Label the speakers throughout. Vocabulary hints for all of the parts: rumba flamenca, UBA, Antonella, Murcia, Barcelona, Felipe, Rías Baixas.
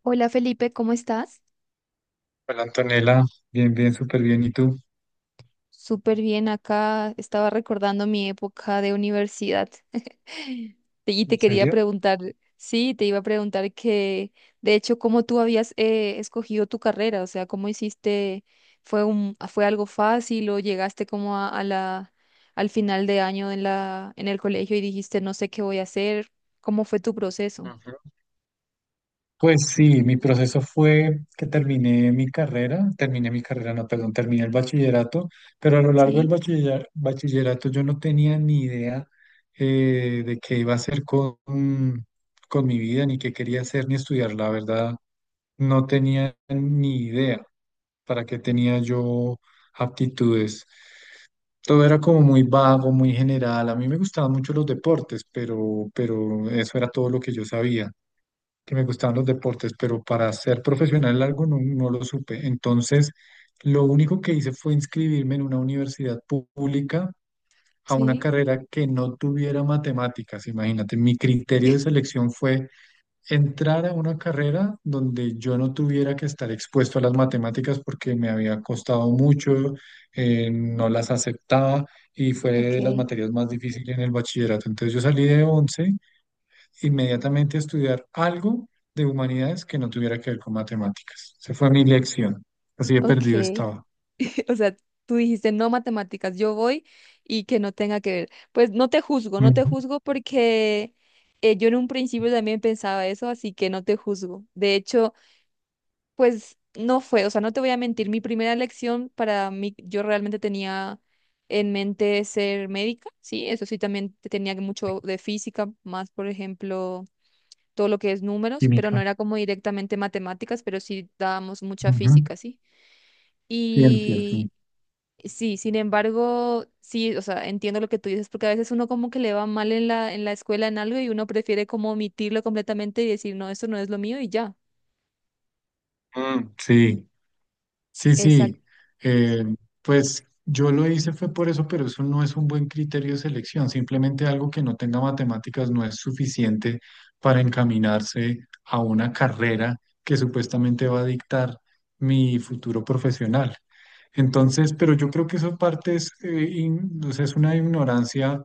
Speaker 1: Hola Felipe, ¿cómo estás?
Speaker 2: Hola Antonella, bien, bien, súper bien. ¿Y tú?
Speaker 1: Súper bien acá. Estaba recordando mi época de universidad. Y te
Speaker 2: ¿En
Speaker 1: quería
Speaker 2: serio?
Speaker 1: preguntar, sí, te iba a preguntar que, de hecho, cómo tú habías escogido tu carrera, o sea, cómo hiciste, fue algo fácil o llegaste como a al final de año en en el colegio y dijiste, no sé qué voy a hacer, ¿cómo fue tu proceso?
Speaker 2: Ujú. Pues sí, mi proceso fue que terminé mi carrera, no, perdón, terminé el bachillerato, pero a lo largo del
Speaker 1: Sí,
Speaker 2: bachillerato yo no tenía ni idea de qué iba a hacer con mi vida, ni qué quería hacer, ni estudiar. La verdad, no tenía ni idea para qué tenía yo aptitudes. Todo era como muy vago, muy general. A mí me gustaban mucho los deportes, pero eso era todo lo que yo sabía, que me gustaban los deportes, pero para ser profesional en algo no, no lo supe. Entonces, lo único que hice fue inscribirme en una universidad pública, a una
Speaker 1: sí,
Speaker 2: carrera que no tuviera matemáticas. Imagínate, mi criterio de selección fue entrar a una carrera donde yo no tuviera que estar expuesto a las matemáticas porque me había costado mucho, no las aceptaba y fue de las
Speaker 1: ok,
Speaker 2: materias más difíciles en el bachillerato. Entonces yo salí de 11 inmediatamente a estudiar algo de humanidades que no tuviera que ver con matemáticas. Esa fue mi lección. Así de
Speaker 1: ok.
Speaker 2: perdido estaba.
Speaker 1: O sea, tú dijiste no matemáticas, yo voy y que no tenga que ver. Pues no te juzgo, no te
Speaker 2: Ujú.
Speaker 1: juzgo porque yo en un principio también pensaba eso, así que no te juzgo. De hecho, pues no fue, o sea, no te voy a mentir, mi primera elección para mí, yo realmente tenía en mente ser médica, sí, eso sí, también tenía mucho de física, más por ejemplo, todo lo que es números, pero no
Speaker 2: Química.
Speaker 1: era como directamente matemáticas, pero sí dábamos mucha
Speaker 2: Ujú.
Speaker 1: física, sí.
Speaker 2: Ciencia, sí.
Speaker 1: Sí, sin embargo, sí, o sea, entiendo lo que tú dices, porque a veces uno como que le va mal en en la escuela en algo y uno prefiere como omitirlo completamente y decir, no, esto no es lo mío y ya.
Speaker 2: Mm, sí. Sí,
Speaker 1: Exacto,
Speaker 2: sí, eh, pues yo lo hice fue por eso, pero eso no es un buen criterio de selección. Simplemente algo que no tenga matemáticas no es suficiente para encaminarse a una carrera que supuestamente va a dictar mi futuro profesional. Entonces, pero yo creo que eso parte es, o sea, es una ignorancia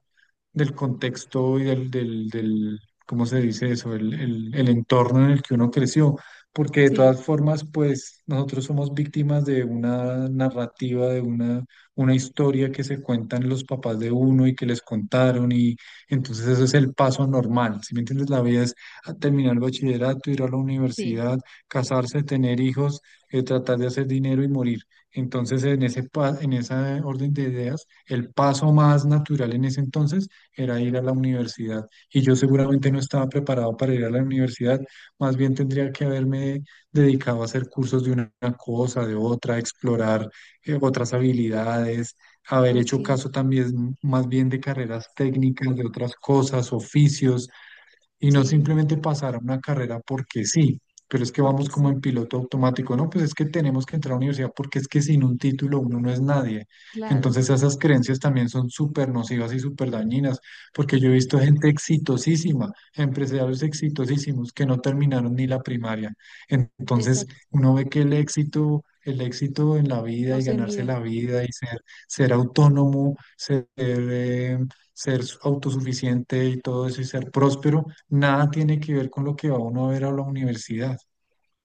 Speaker 2: del contexto y ¿cómo se dice eso? El entorno en el que uno creció, porque de
Speaker 1: sí,
Speaker 2: todas formas, pues nosotros somos víctimas de una narrativa, de una historia que se cuentan los papás de uno y que les contaron, y entonces eso es el paso normal, ¿si me entiendes? La vida es a terminar el bachillerato, ir a la
Speaker 1: sí,
Speaker 2: universidad, casarse, tener hijos, tratar de hacer dinero y morir. Entonces, en en esa orden de ideas, el paso más natural en ese entonces era ir a la universidad. Y yo seguramente no estaba preparado para ir a la universidad, más bien tendría que haberme dedicado a hacer cursos de una cosa, de otra, explorar otras habilidades, haber hecho
Speaker 1: ok,
Speaker 2: caso también más bien de carreras técnicas, de otras cosas, oficios, y no
Speaker 1: sí,
Speaker 2: simplemente pasar a una carrera porque sí, pero es que vamos
Speaker 1: porque
Speaker 2: como
Speaker 1: sí,
Speaker 2: en piloto automático, no, pues es que tenemos que entrar a la universidad porque es que sin un título uno no es nadie.
Speaker 1: claro,
Speaker 2: Entonces esas creencias también son súper nocivas y súper dañinas, porque yo he visto gente exitosísima, empresarios exitosísimos que no terminaron ni la primaria. Entonces
Speaker 1: exacto,
Speaker 2: uno ve que el éxito... El éxito en la vida
Speaker 1: no
Speaker 2: y
Speaker 1: se
Speaker 2: ganarse
Speaker 1: mide.
Speaker 2: la vida y ser, ser autónomo, ser, ser autosuficiente y todo eso y ser próspero, nada tiene que ver con lo que va uno a ver a la universidad.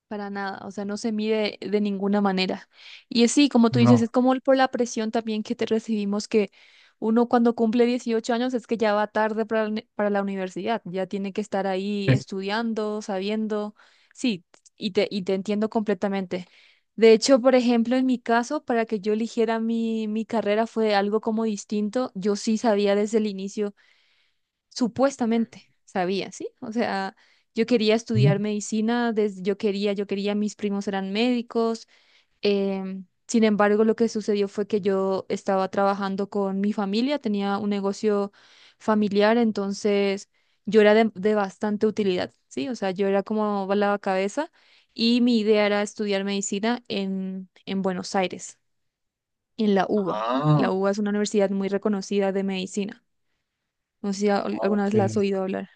Speaker 1: Para nada, o sea, no se mide de ninguna manera. Y es sí, como tú dices, es
Speaker 2: No.
Speaker 1: como por la presión también que te recibimos, que uno cuando cumple 18 años es que ya va tarde para, para la universidad, ya tiene que estar ahí
Speaker 2: es-
Speaker 1: estudiando, sabiendo. Sí, y te entiendo completamente. De hecho, por ejemplo, en mi caso, para que yo eligiera mi carrera fue algo como distinto. Yo sí sabía desde el inicio supuestamente sabía, ¿sí? O sea, yo quería estudiar
Speaker 2: ¿Mm?
Speaker 1: medicina, desde, yo quería, mis primos eran médicos. Sin embargo, lo que sucedió fue que yo estaba trabajando con mi familia, tenía un negocio familiar, entonces yo era de bastante utilidad, ¿sí? O sea, yo era como la cabeza y mi idea era estudiar medicina en Buenos Aires, en la UBA.
Speaker 2: Ah,
Speaker 1: La UBA es una universidad muy reconocida de medicina. No sé si alguna
Speaker 2: ok.
Speaker 1: vez la has oído hablar.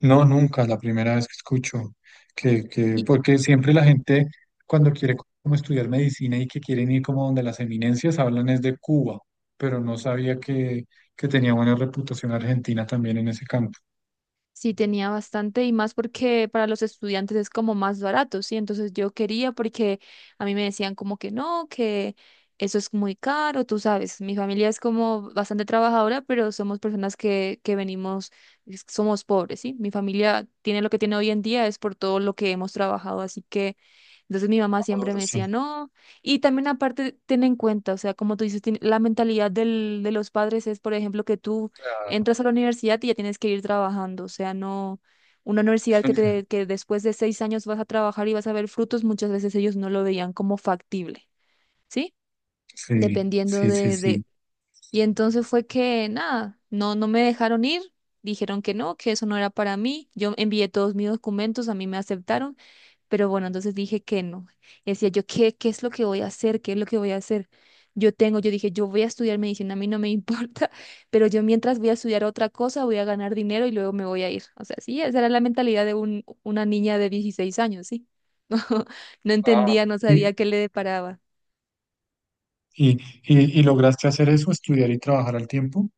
Speaker 2: No, nunca, la primera vez que escucho. Que, porque siempre la gente, cuando quiere como estudiar medicina y que quieren ir como donde las eminencias, hablan es de Cuba, pero no sabía que tenía buena reputación Argentina también en ese campo.
Speaker 1: Sí, tenía bastante y más porque para los estudiantes es como más barato, ¿sí? Entonces yo quería porque a mí me decían como que no, que eso es muy caro, tú sabes, mi familia es como bastante trabajadora, pero somos personas que venimos, somos pobres, ¿sí? Mi familia tiene lo que tiene hoy en día es por todo lo que hemos trabajado, así que entonces mi mamá siempre me
Speaker 2: Ahora
Speaker 1: decía
Speaker 2: sí.
Speaker 1: no. Y también aparte, ten en cuenta, o sea, como tú dices, la mentalidad de los padres es, por ejemplo, que tú
Speaker 2: Ah,
Speaker 1: entras a la universidad y ya tienes que ir trabajando, o sea, no una universidad que, te, que después de seis años vas a trabajar y vas a ver frutos, muchas veces ellos no lo veían como factible, ¿sí?
Speaker 2: sí,
Speaker 1: Dependiendo
Speaker 2: sí, sí,
Speaker 1: de...
Speaker 2: sí.
Speaker 1: Y entonces fue que, nada, no me dejaron ir, dijeron que no, que eso no era para mí, yo envié todos mis documentos, a mí me aceptaron pero bueno, entonces dije que no. Y decía yo, ¿qué es lo que voy a hacer? ¿Qué es lo que voy a hacer? Yo tengo, yo dije, yo voy a estudiar medicina, a mí no me importa, pero yo mientras voy a estudiar otra cosa, voy a ganar dinero y luego me voy a ir. O sea, sí, esa era la mentalidad de un, una niña de 16 años, sí. No, no
Speaker 2: Ah.
Speaker 1: entendía, no
Speaker 2: ¿Y,
Speaker 1: sabía qué le deparaba.
Speaker 2: y, y lograste hacer eso, estudiar y trabajar al tiempo?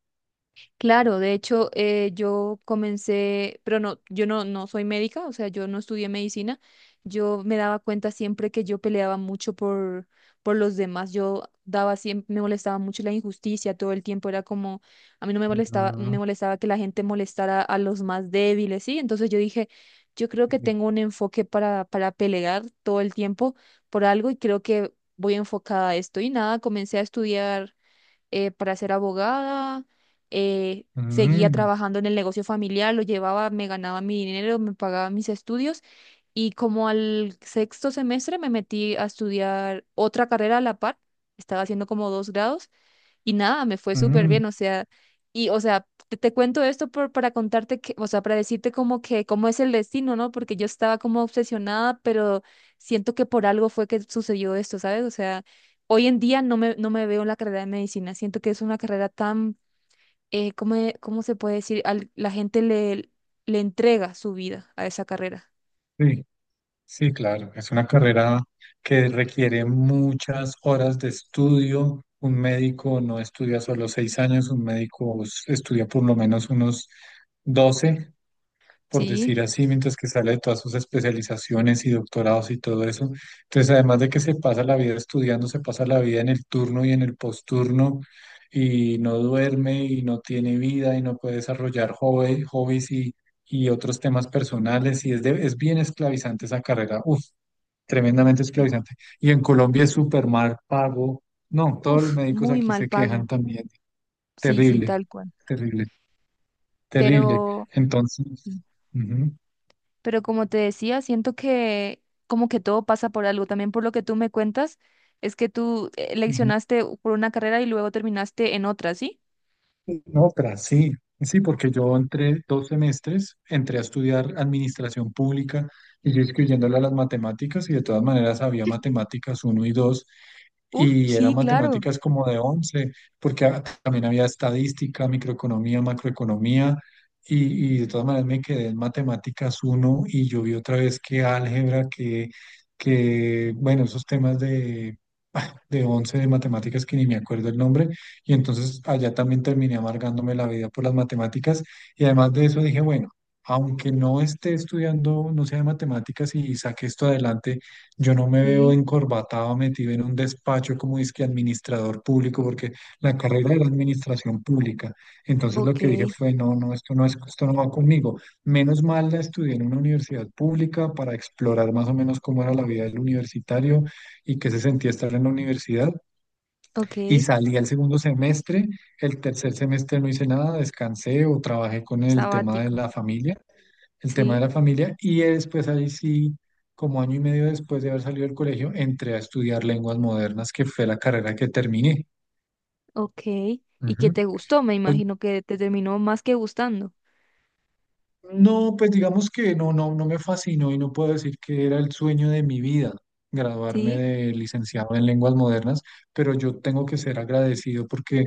Speaker 1: Claro, de hecho, yo comencé, pero no, yo no, no soy médica, o sea, yo no estudié medicina. Yo me daba cuenta siempre que yo peleaba mucho por los demás. Yo daba siempre, me molestaba mucho la injusticia todo el tiempo. Era como, a mí no me molestaba, me
Speaker 2: Ujú.
Speaker 1: molestaba que la gente molestara a los más débiles, ¿sí? Entonces yo dije, yo creo que tengo un enfoque para pelear todo el tiempo por algo y creo que voy enfocada a esto. Y nada, comencé a estudiar para ser abogada, seguía
Speaker 2: Mm,
Speaker 1: trabajando en el negocio familiar, lo llevaba, me ganaba mi dinero, me pagaba mis estudios y como al sexto semestre me metí a estudiar otra carrera a la par, estaba haciendo como dos grados y nada, me fue súper
Speaker 2: mm,
Speaker 1: bien, o sea, te cuento esto por, para contarte que, o sea, para decirte como que cómo es el destino, ¿no? Porque yo estaba como obsesionada, pero siento que por algo fue que sucedió esto, ¿sabes? O sea, hoy en día no me veo en la carrera de medicina, siento que es una carrera tan, ¿cómo, cómo se puede decir? La gente le entrega su vida a esa carrera,
Speaker 2: sí, sí, claro. Es una carrera que requiere muchas horas de estudio. Un médico no estudia solo 6 años, un médico estudia por lo menos unos 12, por
Speaker 1: ¿sí?
Speaker 2: decir así, mientras que sale de todas sus especializaciones y doctorados y todo eso. Entonces, además de que se pasa la vida estudiando, se pasa la vida en el turno y en el posturno y no duerme y no tiene vida y no puede desarrollar hobbies y otros temas personales y es bien esclavizante esa carrera. Uf, tremendamente
Speaker 1: Sí.
Speaker 2: esclavizante. Y en Colombia es súper mal pago. No, todos los
Speaker 1: Uf,
Speaker 2: médicos
Speaker 1: muy
Speaker 2: aquí
Speaker 1: mal
Speaker 2: se quejan
Speaker 1: pago.
Speaker 2: también.
Speaker 1: Sí, sí,
Speaker 2: Terrible,
Speaker 1: tal cual.
Speaker 2: terrible, terrible.
Speaker 1: Pero...
Speaker 2: Entonces, ujú,
Speaker 1: Pero como te decía, siento que como que todo pasa por algo. También por lo que tú me cuentas, es que tú
Speaker 2: ujú.
Speaker 1: leccionaste por una carrera y luego terminaste en otra, ¿sí?
Speaker 2: No, otra, sí, sí, porque yo entré 2 semestres, entré a estudiar administración pública, y yo excluyéndole a las matemáticas y de todas maneras había matemáticas uno y dos,
Speaker 1: Uf,
Speaker 2: y eran
Speaker 1: sí, claro.
Speaker 2: matemáticas como de 11 porque también había estadística, microeconomía, macroeconomía y de todas maneras me quedé en matemáticas uno y yo vi otra vez que álgebra, que bueno, esos temas de 11 de matemáticas que ni me acuerdo el nombre, y entonces allá también terminé amargándome la vida por las matemáticas, y además de eso dije, bueno, aunque no esté estudiando, no sea de matemáticas y saque esto adelante, yo no me veo
Speaker 1: Sí,
Speaker 2: encorbatado, metido en un despacho como que administrador público, porque la carrera era administración pública. Entonces lo
Speaker 1: ok,
Speaker 2: que dije fue, no, no, esto no es, esto no va conmigo. Menos mal la estudié en una universidad pública para explorar más o menos cómo era la vida del universitario y qué se sentía estar en la universidad.
Speaker 1: Ok,
Speaker 2: Y salí al segundo semestre, el tercer semestre no hice nada, descansé o trabajé con el tema de
Speaker 1: sabático,
Speaker 2: la familia, el tema de
Speaker 1: sí,
Speaker 2: la familia, y después ahí sí, como año y medio después de haber salido del colegio, entré a estudiar lenguas modernas, que fue la carrera que terminé.
Speaker 1: ok. Y que
Speaker 2: Ujú.
Speaker 1: te gustó, me
Speaker 2: Pues,
Speaker 1: imagino que te terminó más que gustando.
Speaker 2: no, pues digamos que no, no, no me fascinó y no puedo decir que era el sueño de mi vida graduarme
Speaker 1: Sí.
Speaker 2: de licenciado en lenguas modernas, pero yo tengo que ser agradecido porque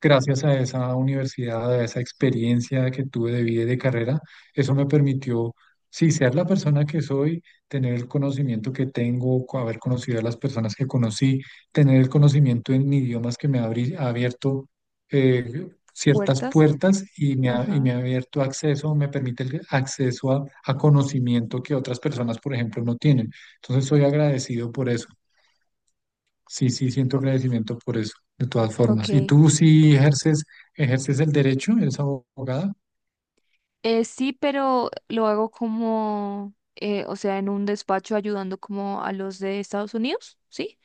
Speaker 2: gracias a esa universidad, a esa experiencia que tuve de vida y de carrera, eso me permitió, sí, ser la persona que soy, tener el conocimiento que tengo, haber conocido a las personas que conocí, tener el conocimiento en idiomas que me ha ha abierto ciertas
Speaker 1: Puertas,
Speaker 2: puertas y
Speaker 1: ajá.
Speaker 2: me ha abierto acceso, me permite el acceso a conocimiento que otras personas, por ejemplo, no tienen. Entonces, soy agradecido por eso. Sí, sí, siento
Speaker 1: O-
Speaker 2: agradecimiento por eso, de todas
Speaker 1: Ok,
Speaker 2: formas. ¿Y tú sí ejerces, ejerces el derecho? ¿Eres abogada?
Speaker 1: sí, pero lo hago como, o sea, en un despacho ayudando como a los de Estados Unidos, ¿sí?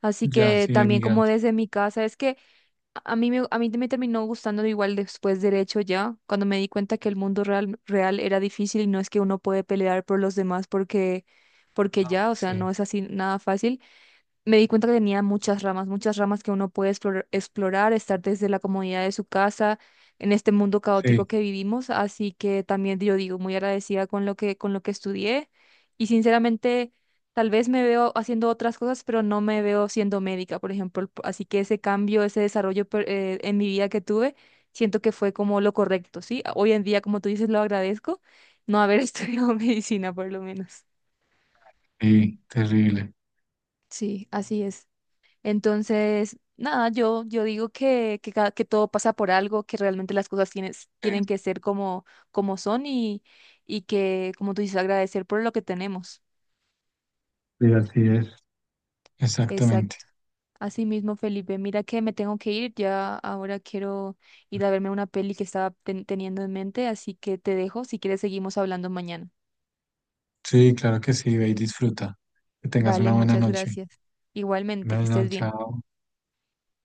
Speaker 1: Así
Speaker 2: Ya,
Speaker 1: que
Speaker 2: sí,
Speaker 1: también como
Speaker 2: emigrante.
Speaker 1: desde mi casa, es que a mí me terminó gustando igual después derecho ya, cuando me di cuenta que el mundo real, real era difícil y no es que uno puede pelear por los demás porque, porque ya, o sea, no
Speaker 2: Sí,
Speaker 1: es así nada fácil me di cuenta que tenía muchas ramas que uno puede explorar, estar desde la comodidad de su casa en este mundo caótico
Speaker 2: sí,
Speaker 1: que vivimos, así que también yo digo muy agradecida con lo que estudié y sinceramente tal vez me veo haciendo otras cosas, pero no me veo siendo médica, por ejemplo, así que ese cambio, ese desarrollo en mi vida que tuve, siento que fue como lo correcto, ¿sí? Hoy en día, como tú dices, lo agradezco no haber estudiado medicina por lo menos.
Speaker 2: sí, terrible.
Speaker 1: Sí, así es. Entonces, nada, yo digo que todo pasa por algo, que realmente las cosas tienes, tienen que ser como, como son y que, como tú dices, agradecer por lo que tenemos.
Speaker 2: Sí, así es. Exactamente.
Speaker 1: Exacto. Así mismo, Felipe, mira que me tengo que ir, ya ahora quiero ir a verme una peli que estaba teniendo en mente, así que te dejo, si quieres seguimos hablando mañana.
Speaker 2: Sí, claro que sí, ve y disfruta. Que tengas
Speaker 1: Vale,
Speaker 2: una buena
Speaker 1: muchas
Speaker 2: noche.
Speaker 1: gracias. Igualmente, que
Speaker 2: Buenas
Speaker 1: estés
Speaker 2: noches,
Speaker 1: bien.
Speaker 2: chao.